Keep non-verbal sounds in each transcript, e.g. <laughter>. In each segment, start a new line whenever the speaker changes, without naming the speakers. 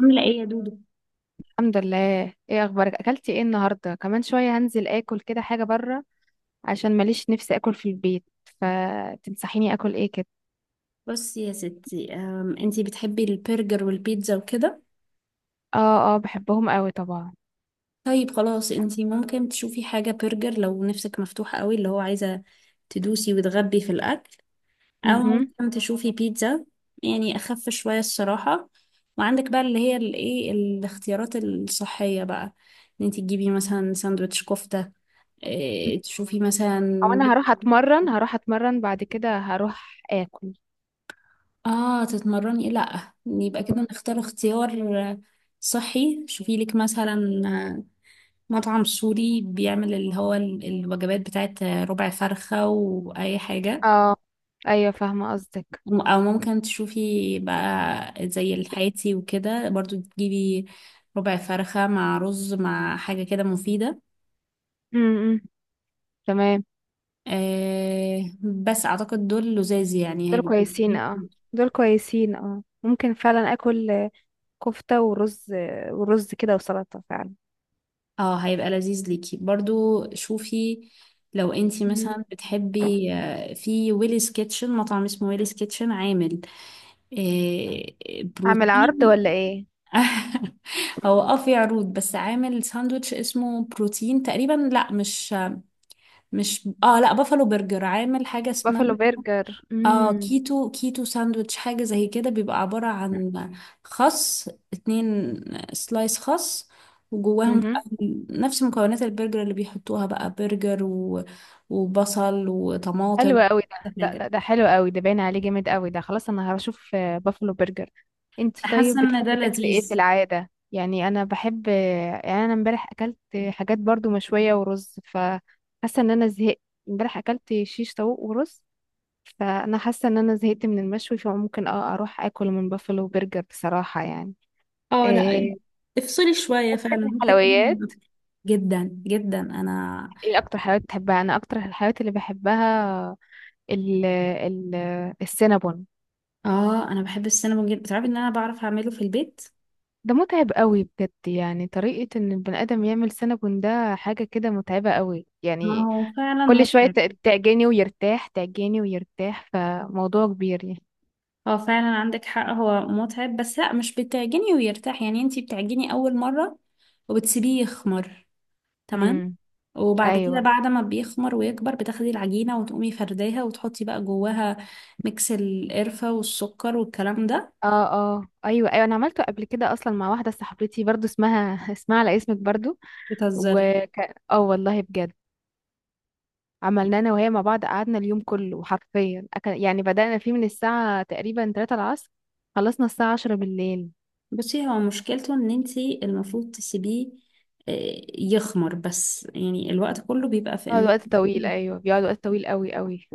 عاملة ايه يا دودو؟
الحمد لله، ايه اخبارك؟ اكلتي ايه النهارده؟ كمان شويه هنزل اكل كده حاجه بره عشان ماليش نفسي اكل في البيت. فتنصحيني اكل ايه كده؟
بصي يا ستي انتي بتحبي البرجر والبيتزا وكده.
اه بحبهم قوي طبعا.
طيب خلاص انتي ممكن تشوفي حاجة برجر لو نفسك مفتوحة قوي اللي هو عايزة تدوسي وتغبي في الأكل، أو
امم.
ممكن تشوفي بيتزا، يعني أخف شوية الصراحة. وعندك بقى اللي هي الايه الاختيارات الصحية بقى، ان انتي تجيبي مثلا ساندوتش كفتة، إيه، تشوفي مثلا.
او انا هروح اتمرن، بعد كده هروح اكل.
اه تتمرني لا يبقى كده نختار اختيار صحي. شوفي لك مثلا مطعم سوري بيعمل اللي هو الوجبات بتاعت ربع فرخة وأي حاجة.
اه، ايوه فاهمه قصدك.
أو ممكن تشوفي بقى زي الحياتي وكده برضو تجيبي ربع فرخة مع رز مع حاجة كده مفيدة.
امم، تمام.
آه بس أعتقد دول لذاذ يعني
دول
هيبقوا،
كويسين اه دول كويسين اه، ممكن فعلا اكل كفته ورز، ورز كده وسلطه فعلا.
اه هيبقى لذيذ ليكي برضو. شوفي لو انتي
مم.
مثلا بتحبي في ويليز كيتشن، مطعم اسمه ويليز كيتشن عامل آه،
اعمل عرض
بروتين.
ولا ايه؟
<laughs> هو اه في عروض، بس عامل ساندوتش اسمه بروتين تقريبا، لا مش مش اه لا بافالو برجر عامل حاجة اسمها
بافلو برجر،
اه
امم.
كيتو ساندويتش، حاجة زي كده، بيبقى عبارة عن خس، 2 سلايس خس، وجواهم بقى
مهم.
نفس مكونات البرجر اللي بيحطوها بقى، برجر و... وبصل وطماطم،
حلو قوي ده،
كل
ده
حاجة.
ده, ده حلو قوي ده، باين عليه جامد قوي ده. خلاص انا هشوف بافلو برجر. انتي
أنا
طيب
حاسة ان ده
بتحبي تاكلي ايه في
لذيذ.
العاده؟ يعني انا بحب يعني انا امبارح اكلت حاجات برضو مشويه ورز، فحاسه ان انا زهقت. امبارح اكلت شيش طاووق ورز، فانا حاسه ان انا زهقت من المشوي، فممكن اه اروح اكل من بافلو برجر بصراحه يعني.
اه لا
إيه.
افصلي شوية
بتحبي تاكلي
فعلا، روحي كلي من
حلويات؟
بره. جدا جدا انا.
ايه اكتر حلويات بتحبها؟ انا اكتر الحلويات اللي بحبها ال ال السينابون.
اه انا بحب السينما جدا، تعرفي ان انا بعرف اعمله في البيت.
ده متعب قوي بجد، يعني طريقة ان البني ادم يعمل سينابون ده حاجة كده متعبة قوي
ما
يعني.
هو فعلا
كل شوية
متعب.
تعجني ويرتاح، فموضوع كبير يعني.
هو فعلا عندك حق هو متعب، بس لا مش بتعجني ويرتاح، يعني انتي بتعجني اول مرة وبتسيبيه يخمر، تمام،
امم،
وبعد كده
ايوه.
بعد ما بيخمر ويكبر بتاخدي العجينة وتقومي فرداها وتحطي بقى جواها ميكس القرفة والسكر والكلام ده.
اه اه ايوه ايوه، انا عملته قبل كده اصلا مع واحدة صاحبتي برضو اسمها <laughs> اسمها على اسمك برضو.
بتهزري.
وك اه والله بجد، عملنا انا وهي مع بعض، قعدنا اليوم كله حرفيا أكل. يعني بدأنا فيه من الساعة تقريبا 3 العصر، خلصنا الساعة 10 بالليل.
بصي هو مشكلته ان انتي المفروض تسيبيه يخمر، بس يعني الوقت كله بيبقى في ان
بيقعد
انتي
وقت طويل،
تسيبيه يخمر.
ايوه بيقعد وقت طويل قوي قوي.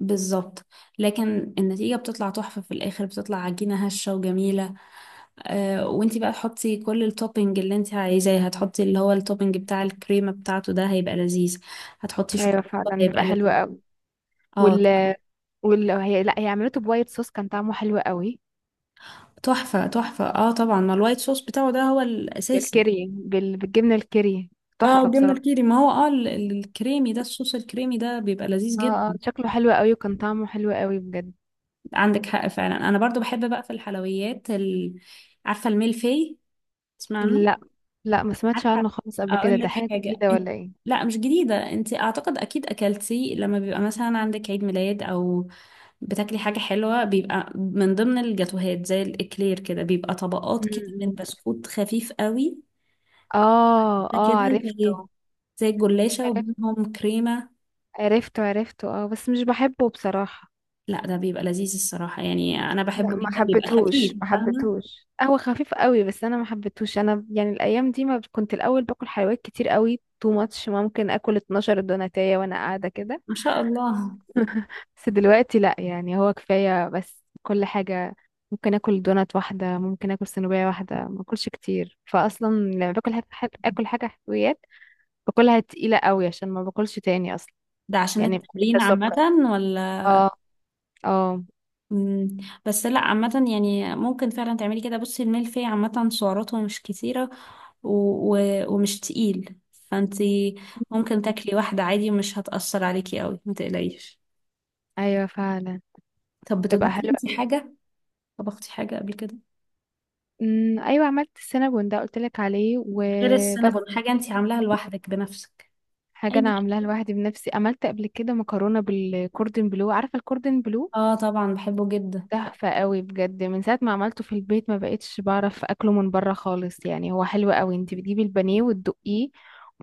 بالظبط. لكن النتيجة بتطلع تحفة في الآخر، بتطلع عجينة هشة وجميلة. آه وانتي بقى تحطي كل التوبينج اللي انتي عايزاه، هتحطي اللي هو التوبينج بتاع الكريمة بتاعته، ده هيبقى لذيذ، هتحطي
ايوه
شوكولاتة
فعلا بيبقى
هيبقى
حلو
لذيذ.
قوي.
اه.
وال وال هي لا، هي عملته بوايت صوص كان طعمه حلو قوي.
تحفة تحفة اه طبعا، ما الوايت صوص بتاعه ده هو الأساسي.
بالكيري، بالجبنه الكيري،
اه
تحفه
وجبنة
بصراحه.
الكيري، ما هو اه الكريمي ده، الصوص الكريمي ده بيبقى لذيذ
اه اه،
جدا.
شكله حلو قوي وكان طعمه حلو قوي بجد.
عندك حق فعلا. انا برضو بحب بقى في الحلويات عارفة الميلفي؟ تسمعنا؟
لا، لا ما سمعتش
عارفة،
عنه خالص قبل كده.
اقول
ده
لك
حاجه
حاجة
جديده
انت،
ولا ايه؟
لا مش جديدة، انت اعتقد اكيد اكلتي لما بيبقى مثلا عندك عيد ميلاد او بتاكلي حاجة حلوة، بيبقى من ضمن الجاتوهات زي الاكلير كده، بيبقى طبقات كده من
امم.
بسكوت خفيف قوي،
اه
ده
اه
كده
عرفته.
زي زي الجلاشة
عرفت-
وبينهم كريمة.
عرفته عرفته اه، بس مش بحبه بصراحه.
لا ده بيبقى لذيذ الصراحة، يعني انا
لا،
بحبه
ما
جدا، بيبقى
حبيتهوش
خفيف
ما
فاهمة.
حبيتهوش هو خفيف قوي بس انا ما حبيتهوش. انا يعني الايام دي، ما كنت الاول باكل حلويات كتير قوي، تو ماتش. ممكن اكل 12 دوناتية وانا قاعده كده.
ما شاء الله.
<laughs> بس دلوقتي لا، يعني هو كفايه بس كل حاجه. ممكن اكل دونات واحده، ممكن اكل سنوبيه واحده، ما اكلش كتير. فاصلا لما باكل حاجه اكل حاجه حلويات، باكلها تقيله قوي عشان ما باكلش تاني اصلا.
ده عشان
يعني
التمرين عامة؟
السكر.
ولا.
اه. اه.
مم. بس لا عامة يعني ممكن فعلا تعملي كده، بصي الملفي عامة سعراته مش كتيرة و... و... ومش تقيل، فانتي ممكن تاكلي واحدة عادي ومش هتأثر عليكي قوي، ما تقلقيش.
ايوه فعلا
طب
تبقى
بتطبخي
حلوه.
انتي حاجة؟ طبختي حاجة قبل كده؟
امم، ايوه عملت السينابون ده قلت لك عليه
غير
وبس.
السينابون حاجة انتي عاملاها لوحدك بنفسك؟
حاجه
اي،
انا عاملاها لوحدي بنفسي، عملت قبل كده مكرونه بالكوردن بلو. عارفه الكوردن بلو؟
اه طبعا بحبه جدا.
تحفه قوي بجد، من ساعه ما عملته في البيت ما بقتش بعرف اكله من بره خالص. يعني هو حلو قوي، انت بتجيبي البانيه وتدقيه،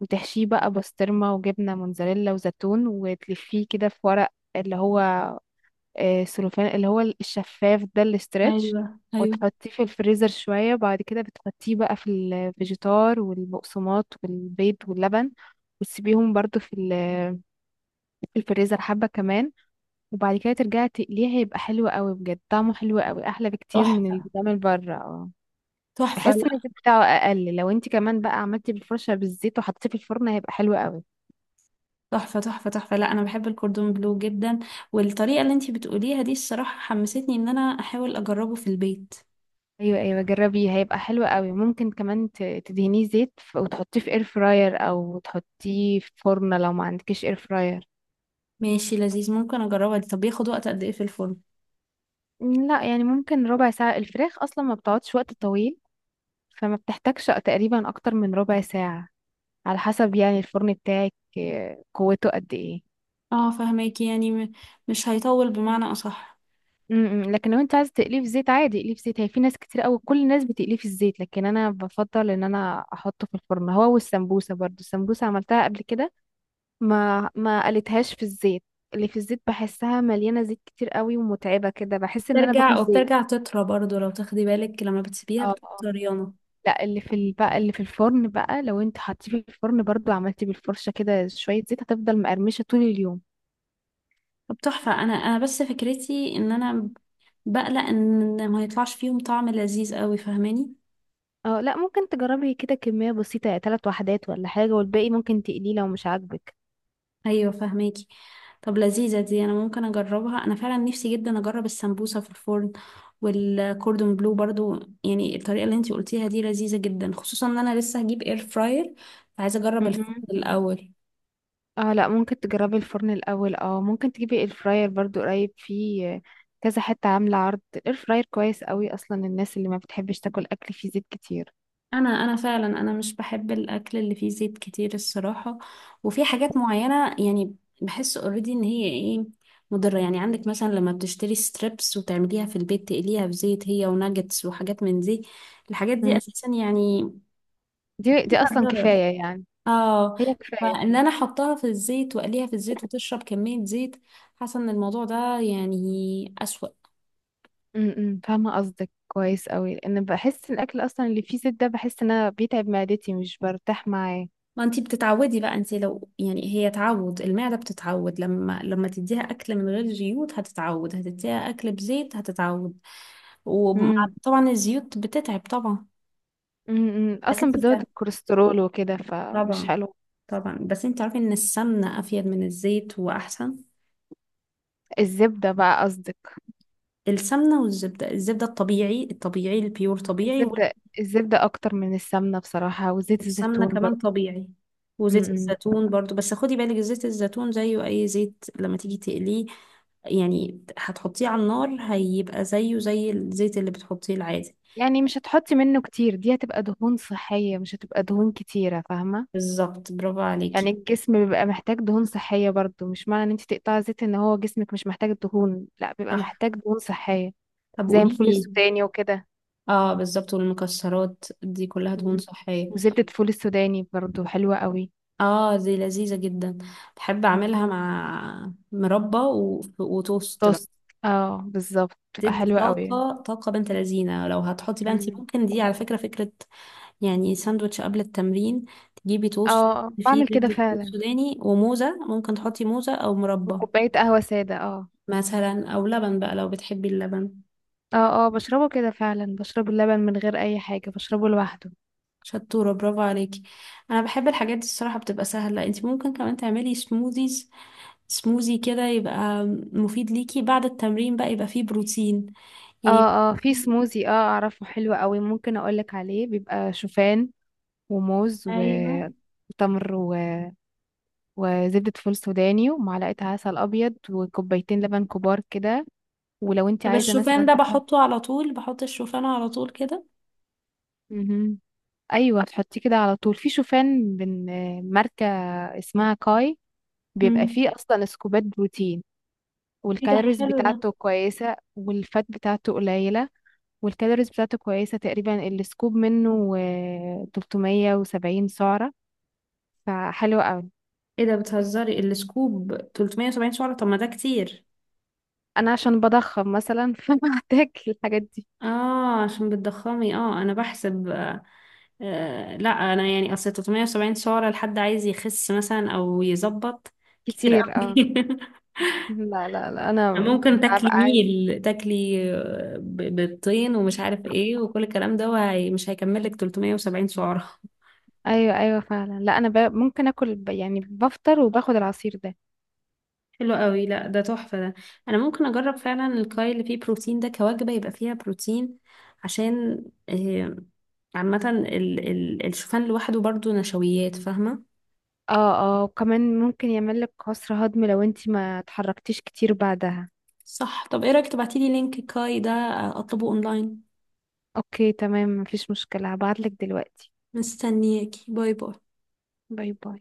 وتحشيه بقى بسطرمه وجبنه موتزاريلا وزيتون، وتلفيه كده في ورق اللي هو السلوفان، اللي هو الشفاف ده، الاسترتش.
ايوه ايوه،
وتحطيه في الفريزر شوية، بعد كده بتحطيه بقى في الفيجيتار والبقسماط والبيض واللبن، وتسيبيهم برضو في في الفريزر حبة كمان، وبعد كده ترجعي تقليه. هيبقى حلو قوي بجد، طعمه حلو قوي، احلى بكتير من اللي
تحفة
بيتعمل بره. اه،
تحفة
بحس
لا،
ان الزيت بتاعه اقل. لو انت كمان بقى عملتي بالفرشة بالزيت وحطيتيه في الفرن هيبقى حلو قوي.
تحفة تحفة تحفة لا انا بحب الكوردون بلو جدا، والطريقة اللي انتي بتقوليها دي الصراحة حمستني ان انا احاول اجربه في البيت.
ايوه ايوه جربيه هيبقى حلو قوي. ممكن كمان تدهنيه زيت وتحطيه في اير فراير، او تحطيه في فرن لو ما عندكش اير فراير.
ماشي لذيذ، ممكن اجربها دي. طب بياخد وقت قد ايه في الفرن؟
لا يعني ممكن ربع ساعة، الفراخ اصلا ما بتقعدش وقت طويل، فما بتحتاجش تقريبا اكتر من ربع ساعة. على حسب يعني الفرن بتاعك قوته قد ايه.
اه فهماكي، يعني مش هيطول بمعنى اصح.
م- م. لكن لو انت عايز تقليه في زيت عادي اقليه في زيت، هي في ناس كتير قوي، كل الناس بتقليه في الزيت، لكن انا بفضل ان انا احطه في الفرن، هو والسمبوسة برضو. السمبوسة عملتها قبل كده ما قلتهاش في الزيت. اللي في الزيت بحسها مليانة زيت كتير قوي ومتعبة كده، بحس ان انا
بترجع
باكل زيت.
وبترجع تطرى برضو لو تاخدي بالك، لما بتسيبيها
اه
بتبقى طريانه.
لا اللي في بقى اللي في الفرن بقى، لو انت حطيه في الفرن برضو عملتي بالفرشة كده شوية زيت، هتفضل مقرمشة طول اليوم.
طب تحفه، انا بس فكرتي ان انا بقلق ان ما يطلعش فيهم طعم لذيذ قوي، فاهماني.
اه لا ممكن تجربي كده كمية بسيطة، ثلاث وحدات ولا حاجة، والباقي ممكن تقليه لو مش عاجبك.
ايوه فهماكي. طب لذيذه دي، انا ممكن اجربها، انا فعلا نفسي جدا اجرب السمبوسه في الفرن والكوردون بلو برضو، يعني الطريقه اللي انتي قلتيها دي لذيذه جدا، خصوصا ان انا لسه هجيب اير فراير، فعايزه اجرب الفرن
مهم.
الاول.
اه لا ممكن تجربي الفرن الاول، اه ممكن تجيبي الفراير برضو قريب، فيه كذا حتة عاملة عرض. الاير فراير كويس قوي اصلا الناس اللي ما بتحبش تاكل اكل فيه زيت كتير.
انا انا فعلا انا مش بحب الاكل اللي فيه زيت كتير الصراحه، وفي حاجات معينه يعني بحس اوريدي ان هي ايه مضره، يعني عندك مثلا لما بتشتري ستريبس وتعمليها في البيت تقليها في زيت، هي وناجتس وحاجات من دي، الحاجات دي
مم.
اساسا يعني
دي
فيها
اصلا
ضرر،
كفايه يعني،
اه
هي كفايه.
فان انا احطها في الزيت واقليها في الزيت وتشرب كمية زيت، حاسة ان الموضوع ده يعني اسوأ.
امم، فاهمه قصدك كويس قوي، لان بحس الاكل اصلا اللي فيه زيت ده بحس ان انا بيتعب معدتي مش برتاح معاه.
ما انتي بتتعودي بقى، انتي لو يعني هي تعود المعدة بتتعود، لما تديها اكل من غير زيوت هتتعود، هتديها اكل بزيت هتتعود،
امم.
وطبعا الزيوت بتتعب طبعا.
امم،
بس
اصلا بتزود الكوليسترول وكده فمش
طبعا
حلو.
طبعا. بس انتي عارفة ان السمنة افيد من الزيت واحسن.
الزبده بقى قصدك؟
السمنة والزبدة، الزبدة الطبيعي الطبيعي البيور طبيعي.
الزبده، الزبده اكتر من السمنه بصراحه، وزيت
السمنة
الزيتون
كمان
برضو.
طبيعي، وزيت
امم.
الزيتون برضو، بس خدي بالك زيت الزيتون زيه أي زيت لما تيجي تقليه، يعني هتحطيه على النار هيبقى زيه زي الزيت اللي بتحطيه العادي.
يعني مش هتحطي منه كتير، دي هتبقى دهون صحيه مش هتبقى دهون كتيره، فاهمه؟
بالظبط برافو
يعني
عليكي.
الجسم بيبقى محتاج دهون صحية برضو، مش معنى ان انت تقطعي زيت ان هو جسمك مش محتاج الدهون، لا بيبقى
صح.
محتاج دهون صحية.
طب
زي
قولي
الفول
لي.
السوداني وكده.
اه بالظبط، والمكسرات دي كلها دهون
مم.
صحية.
وزبدة فول السوداني برضو حلوة قوي.
اه دي لذيذة جدا، بحب
مم.
اعملها مع مربى وتوست بقى.
توست. اه بالظبط بتبقى
تدي
حلوة قوي.
طاقة، طاقة بنت لذينة، لو هتحطي بقى انت
مم.
ممكن دي على فكرة فكرة، يعني ساندوتش قبل التمرين، تجيبي توست
اه
فيه
بعمل كده
زبدة فول
فعلا.
سوداني وموزة، ممكن تحطي موزة أو مربى
وكوباية قهوة سادة، اه.
مثلا، أو لبن بقى لو بتحبي اللبن.
اه اه، بشربه كده فعلا، بشرب اللبن من غير اي حاجة، بشربه لوحده.
شطورة برافو عليكي. أنا بحب الحاجات دي الصراحة بتبقى سهلة، انتي ممكن كمان تعملي سموزيز، سموزي كده، يبقى مفيد ليكي بعد التمرين بقى، يبقى فيه بروتين يعني.
اه اه، في سموزي اه اعرفه حلو قوي، ممكن اقولك عليه. بيبقى شوفان وموز
أيوة.
وتمر وزبدة فول سوداني ومعلقة عسل أبيض وكوبايتين لبن كبار كده. ولو انت
طب
عايزة
الشوفان
مثلا
ده
تحط.
بحطه على طول، بحط الشوفان على طول كده؟
مهم. أيوة، تحطيه كده على طول. في شوفان من ماركة اسمها كاي، بيبقى
مم.
فيه أصلا سكوبات بروتين،
ايه ده
والكالوريز
حلو ده.
بتاعته كويسة والفات بتاعته قليلة. والكالوريز بتاعته كويسة، تقريبا السكوب منه 370 سعرة، فحلو قوي.
ايه ده بتهزري؟ السكوب 370 سعرة؟ طب ما ده كتير.
أنا عشان بضخم مثلا <laughs> فبحتاج الحاجات دي.
اه عشان بتضخمي، اه انا بحسب آه، لا انا يعني اصل 370 سعرة لحد عايز يخس مثلا او يظبط، كتير
كتير،
قوي.
اه. لا لا لا
<laughs>
انا
ممكن تاكلي
ببقى عايزة.
ميل، تاكلي بيضتين ومش عارف ايه وكل الكلام ده، وهي مش هيكملك 370 سعرة.
ايوه ايوه فعلا. لا انا ممكن اكل يعني بفطر وباخد العصير ده.
حلو قوي لا ده تحفة ده، انا ممكن اجرب فعلا الكاي اللي فيه بروتين ده كوجبة، يبقى فيها بروتين عشان آه، عامة ال الشوفان لوحده برضو نشويات فاهمة.
اه. اه وكمان ممكن يعمل لك عسر هضم لو انتي ما اتحركتيش كتير بعدها.
صح. طب ايه رأيك تبعتيلي لينك كاي ده اطلبه اونلاين.
اوكي تمام، مفيش مشكلة هبعتلك دلوقتي.
مستنياكي، باي باي.
باي باي.